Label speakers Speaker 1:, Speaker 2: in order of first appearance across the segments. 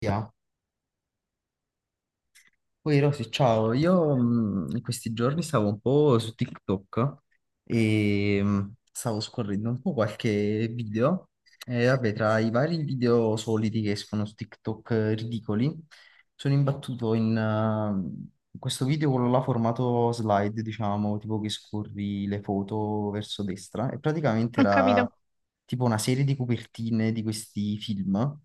Speaker 1: Sia. Poi Rosy, ciao, io in questi giorni stavo un po' su TikTok e stavo scorrendo un po' qualche video e vabbè, tra i vari video soliti che escono su TikTok ridicoli, sono imbattuto in questo video con la formato slide, diciamo, tipo che scorri le foto verso destra e praticamente
Speaker 2: Ho
Speaker 1: era
Speaker 2: capito.
Speaker 1: tipo una serie di copertine di questi film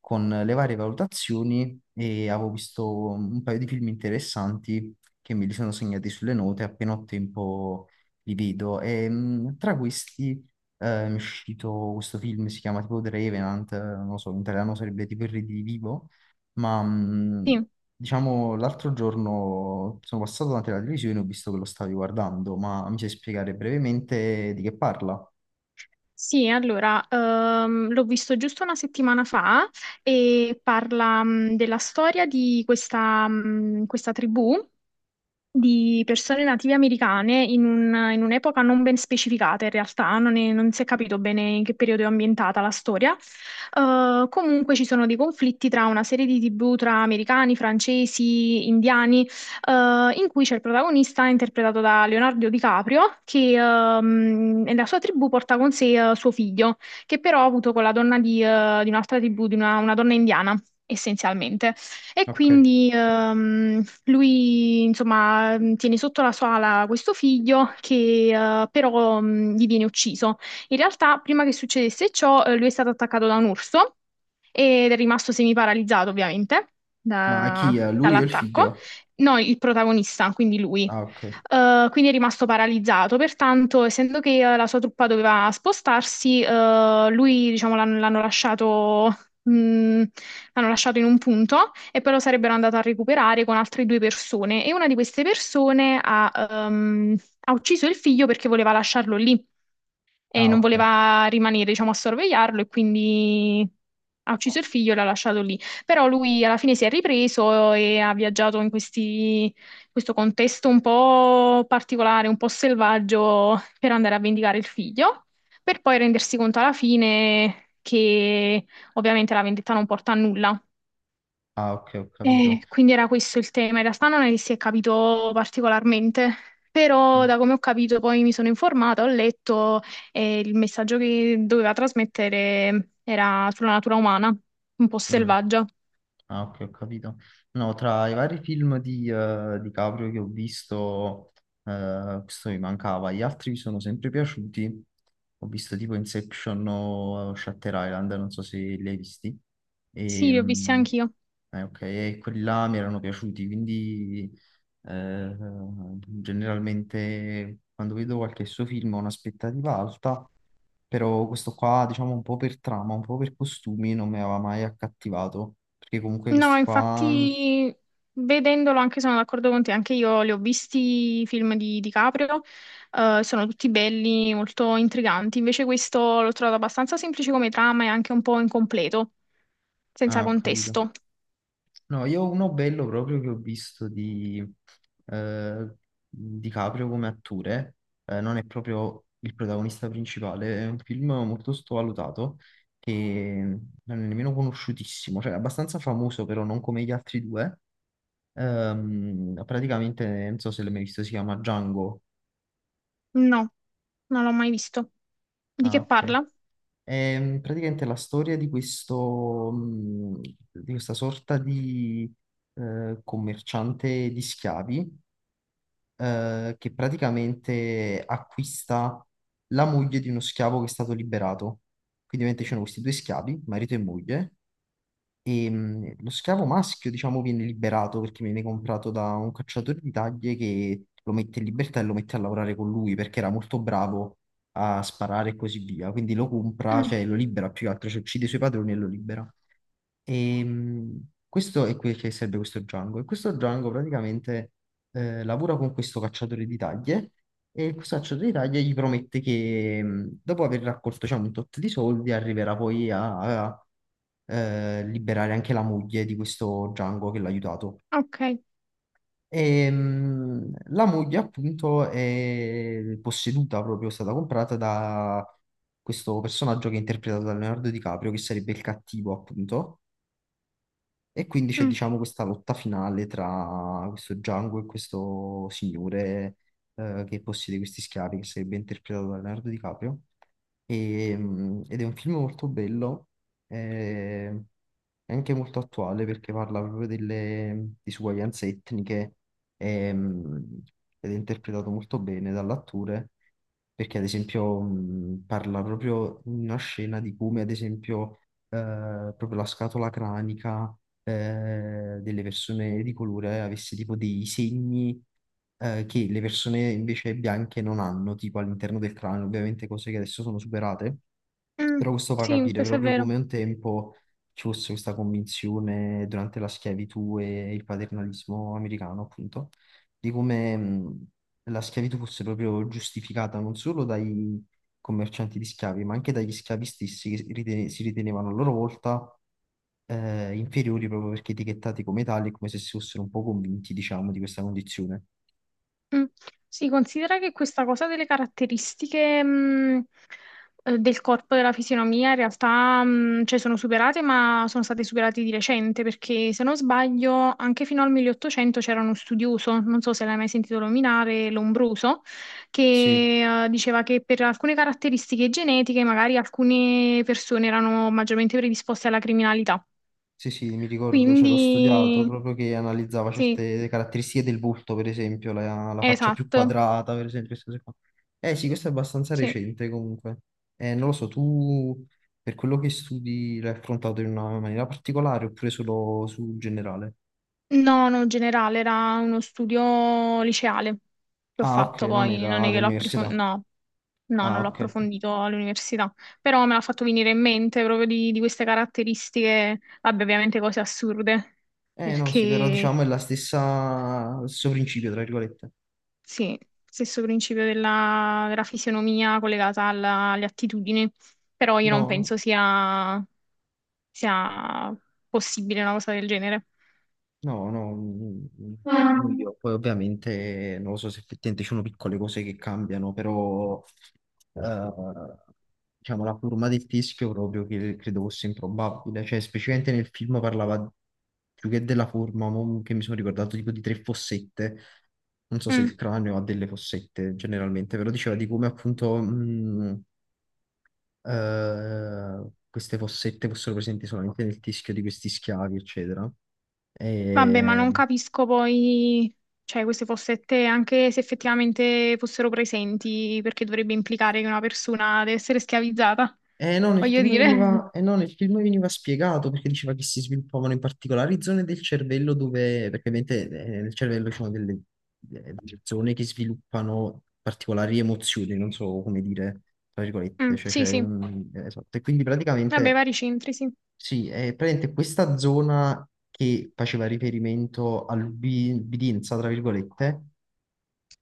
Speaker 1: con le varie valutazioni e avevo visto un paio di film interessanti che me li sono segnati sulle note, appena ho tempo li vedo. E, tra questi mi è uscito questo film, si chiama tipo The Revenant, non lo so, in italiano sarebbe tipo Il Redivivo, ma
Speaker 2: Sì,
Speaker 1: diciamo l'altro giorno sono passato davanti alla televisione e ho visto che lo stavi guardando, ma mi sai spiegare brevemente di che parla?
Speaker 2: Sì, allora, l'ho visto giusto una settimana fa e parla, della storia di questa tribù di persone native americane in in un'epoca non ben specificata, in realtà non si è capito bene in che periodo è ambientata la storia. Comunque ci sono dei conflitti tra una serie di tribù tra americani, francesi, indiani, eh, in cui c'è il protagonista interpretato da Leonardo DiCaprio che nella sua tribù porta con sé suo figlio, che però ha avuto con la donna di un'altra tribù, di una donna indiana, essenzialmente. E
Speaker 1: Ok,
Speaker 2: quindi lui, insomma, tiene sotto la sua ala questo figlio che però gli viene ucciso. In realtà, prima che succedesse ciò, lui è stato attaccato da un urso ed è rimasto semiparalizzato ovviamente
Speaker 1: ma chi è? Lui o il
Speaker 2: dall'attacco.
Speaker 1: figlio?
Speaker 2: No, il protagonista, quindi lui.
Speaker 1: Ah, ok.
Speaker 2: Quindi è rimasto paralizzato, pertanto, essendo che la sua truppa doveva spostarsi, lui, diciamo, l'hanno lasciato, mh, l'hanno lasciato in un punto e poi lo sarebbero andato a recuperare con altre due persone. E una di queste persone ehm, ha ucciso il figlio perché voleva lasciarlo lì e
Speaker 1: Ah,
Speaker 2: non
Speaker 1: ok.
Speaker 2: voleva rimanere, diciamo, a sorvegliarlo e quindi ha ucciso il figlio e l'ha lasciato lì. Però lui alla fine si è ripreso e ha viaggiato in in questo contesto un po' particolare, un po' selvaggio per andare a vendicare il figlio, per poi rendersi conto alla fine che ovviamente la vendetta non porta a nulla.
Speaker 1: Ah, ok, ho capito.
Speaker 2: Quindi era questo il tema. In realtà non è che si è capito particolarmente, però da come ho capito poi mi sono informata, ho letto e il messaggio che doveva trasmettere era sulla natura umana, un po'
Speaker 1: Mm.
Speaker 2: selvaggia.
Speaker 1: Ah, ok, ho capito. No, tra i vari film di Caprio che ho visto, questo mi mancava. Gli altri mi sono sempre piaciuti. Ho visto tipo Inception o Shutter Island, non so se li hai visti.
Speaker 2: Sì,
Speaker 1: E,
Speaker 2: li ho visti
Speaker 1: mm,
Speaker 2: anch'io.
Speaker 1: eh, ok, e quelli là mi erano piaciuti, quindi eh, generalmente quando vedo qualche suo film ho un'aspettativa alta, però questo qua, diciamo, un po' per trama, un po' per costumi, non mi aveva mai accattivato, perché comunque
Speaker 2: No,
Speaker 1: questi qua...
Speaker 2: infatti, vedendolo anche sono d'accordo con te, anche io li ho visti i film di DiCaprio, sono tutti belli, molto intriganti. Invece questo l'ho trovato abbastanza semplice come trama e anche un po' incompleto, senza
Speaker 1: Ah, ho capito.
Speaker 2: contesto.
Speaker 1: No, io uno bello proprio che ho visto di eh, DiCaprio come attore, non è proprio il protagonista principale, è un film molto sottovalutato che non è nemmeno conosciutissimo, cioè è abbastanza famoso però non come gli altri due. Praticamente, non so se l'hai mai visto, si chiama Django.
Speaker 2: No, non l'ho mai visto. Di
Speaker 1: Ah,
Speaker 2: che
Speaker 1: ok.
Speaker 2: parla?
Speaker 1: È praticamente la storia di questo, di questa sorta di commerciante di schiavi che praticamente acquista la moglie di uno schiavo che è stato liberato. Quindi ovviamente c'erano questi due schiavi, marito e moglie, e lo schiavo maschio, diciamo, viene liberato perché viene comprato da un cacciatore di taglie che lo mette in libertà e lo mette a lavorare con lui perché era molto bravo a sparare e così via. Quindi lo compra,
Speaker 2: Mm,
Speaker 1: cioè lo libera più che altro, cioè uccide i suoi padroni e lo libera. E questo è quel che serve questo Django. E questo Django praticamente lavora con questo cacciatore di taglie e questo cacciatore di taglie gli promette che dopo aver raccolto diciamo, un tot di soldi arriverà poi a liberare anche la moglie di questo Django che l'ha aiutato.
Speaker 2: ok.
Speaker 1: E, la moglie appunto è posseduta proprio, è stata comprata da questo personaggio che è interpretato da Leonardo DiCaprio, che sarebbe il cattivo appunto e quindi c'è,
Speaker 2: Mm,
Speaker 1: diciamo, questa lotta finale tra questo Django e questo signore che possiede questi schiavi, che sarebbe interpretato da Leonardo DiCaprio. E, ed è un film molto bello, eh, è anche molto attuale perché parla proprio delle disuguaglianze etniche e, ed è interpretato molto bene dall'attore perché ad esempio parla proprio in una scena di come ad esempio proprio la scatola cranica delle persone di colore avesse tipo dei segni che le persone invece bianche non hanno, tipo all'interno del cranio, ovviamente cose che adesso sono superate.
Speaker 2: mm,
Speaker 1: Però questo fa
Speaker 2: sì,
Speaker 1: capire
Speaker 2: questo è
Speaker 1: proprio
Speaker 2: vero.
Speaker 1: come un tempo ci fosse questa convinzione durante la schiavitù e il paternalismo americano, appunto, di come la schiavitù fosse proprio giustificata non solo dai commercianti di schiavi, ma anche dagli schiavi stessi che si ritenevano a loro volta inferiori proprio perché etichettati come tali, come se si fossero un po' convinti, diciamo, di questa condizione.
Speaker 2: Mm. Si considera che questa cosa delle caratteristiche del corpo, della fisionomia, in realtà cioè sono superate, ma sono state superate di recente, perché se non sbaglio, anche fino al 1800 c'era uno studioso, non so se l'hai mai sentito nominare, Lombroso,
Speaker 1: Sì,
Speaker 2: che diceva che per alcune caratteristiche genetiche magari alcune persone erano maggiormente predisposte alla criminalità.
Speaker 1: sì, sì, mi ricordo, cioè, l'ho studiato
Speaker 2: Quindi
Speaker 1: proprio che analizzava
Speaker 2: sì,
Speaker 1: certe caratteristiche del volto, per esempio, la faccia più
Speaker 2: esatto.
Speaker 1: quadrata, per esempio, queste cose qua. Eh sì, questo è abbastanza
Speaker 2: Sì.
Speaker 1: recente comunque. Non lo so, tu per quello che studi l'hai affrontato in una maniera particolare oppure solo su generale?
Speaker 2: No, no, generale, era uno studio liceale che ho
Speaker 1: Ah, ok,
Speaker 2: fatto
Speaker 1: non
Speaker 2: poi, non
Speaker 1: era
Speaker 2: è che l'ho approfondito,
Speaker 1: dell'università.
Speaker 2: no, no,
Speaker 1: Ah,
Speaker 2: non l'ho
Speaker 1: ok.
Speaker 2: approfondito all'università, però me l'ha fatto venire in mente proprio di queste caratteristiche, vabbè, ovviamente cose assurde,
Speaker 1: Eh no, sì, però
Speaker 2: perché
Speaker 1: diciamo è la stessa, lo stesso principio, tra virgolette.
Speaker 2: sì, stesso principio della, della fisionomia collegata alle attitudini, però io non
Speaker 1: No,
Speaker 2: penso sia possibile una cosa del genere.
Speaker 1: no, no, mm, mm, non io. Poi ovviamente non lo so se effettivamente ci sono piccole cose che cambiano, però eh, diciamo la forma del teschio proprio che credo fosse improbabile, cioè specificamente nel film parlava più che della forma, mo che mi sono ricordato tipo di tre fossette, non so se
Speaker 2: Mm.
Speaker 1: il cranio ha delle fossette generalmente, però diceva di come appunto... mm, queste fossette fossero presenti solamente nel teschio di questi schiavi, eccetera.
Speaker 2: Vabbè, ma
Speaker 1: E,
Speaker 2: non capisco poi, cioè, queste fossette, anche se effettivamente fossero presenti, perché dovrebbe implicare che una persona deve essere schiavizzata,
Speaker 1: e no, nel
Speaker 2: voglio
Speaker 1: film
Speaker 2: dire.
Speaker 1: veniva, e no, nel film veniva spiegato perché diceva che si sviluppavano in particolari zone del cervello dove, perché ovviamente nel cervello ci sono delle zone che sviluppano particolari emozioni, non so come dire, tra
Speaker 2: Mm,
Speaker 1: virgolette, cioè
Speaker 2: sì,
Speaker 1: c'è
Speaker 2: sì,
Speaker 1: un... Esatto, e quindi
Speaker 2: vabbè,
Speaker 1: praticamente
Speaker 2: vari centri, sì.
Speaker 1: sì, è praticamente questa zona che faceva riferimento all'ubbidienza, tra virgolette,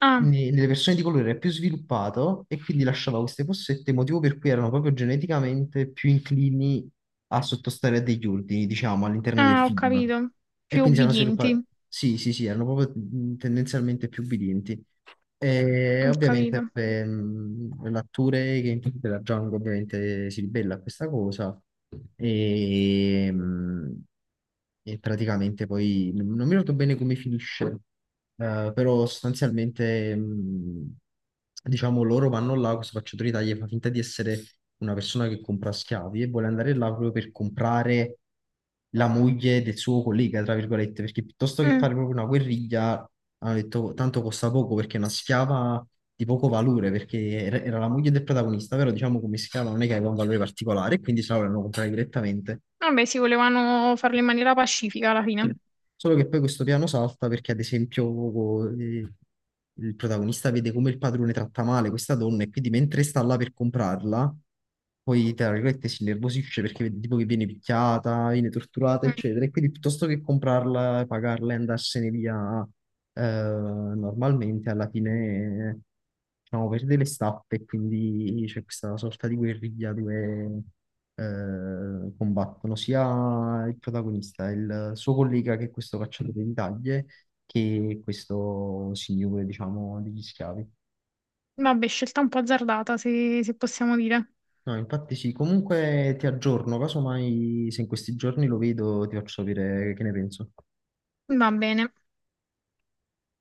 Speaker 2: Ah,
Speaker 1: nelle persone di colore era più sviluppato e quindi lasciava queste fossette, motivo per cui erano proprio geneticamente più inclini a sottostare a degli ordini, diciamo, all'interno del
Speaker 2: ah, ho
Speaker 1: film.
Speaker 2: capito.
Speaker 1: E
Speaker 2: Più
Speaker 1: quindi si erano sviluppati,
Speaker 2: ubbidienti,
Speaker 1: sì, sì, sì, erano proprio tendenzialmente più ubbidienti. E
Speaker 2: ho
Speaker 1: ovviamente
Speaker 2: capito.
Speaker 1: l'attore che interpreta Django ovviamente si ribella a questa cosa e, mh, e praticamente poi non mi ricordo bene come finisce, però sostanzialmente diciamo loro vanno là, questo facciatore d'Italia fa finta di essere una persona che compra schiavi e vuole andare là proprio per comprare la moglie del suo collega, tra virgolette, perché piuttosto che
Speaker 2: Mm,
Speaker 1: fare proprio una guerriglia ha detto tanto costa poco perché è una schiava di poco valore, perché era la moglie del protagonista, però diciamo come schiava non è che aveva un valore particolare, e quindi se la volevano comprare direttamente.
Speaker 2: vabbè, sì, volevano farlo in maniera pacifica alla fine.
Speaker 1: Solo che poi questo piano salta perché, ad esempio, il protagonista vede come il padrone tratta male questa donna e quindi mentre sta là per comprarla, poi, tra virgolette, si innervosisce perché vede tipo che viene picchiata, viene torturata,
Speaker 2: Mm,
Speaker 1: eccetera. E quindi piuttosto che comprarla, pagarla e andarsene via eh, normalmente, alla fine, diciamo, perde le stappe e quindi c'è questa sorta di guerriglia dove combattono sia il protagonista, il suo collega che è questo cacciatore di taglie, che questo signore, diciamo, degli schiavi.
Speaker 2: vabbè, scelta un po' azzardata, se possiamo dire.
Speaker 1: No, infatti sì, comunque ti aggiorno, casomai se in questi giorni lo vedo ti faccio sapere che ne penso.
Speaker 2: Va bene.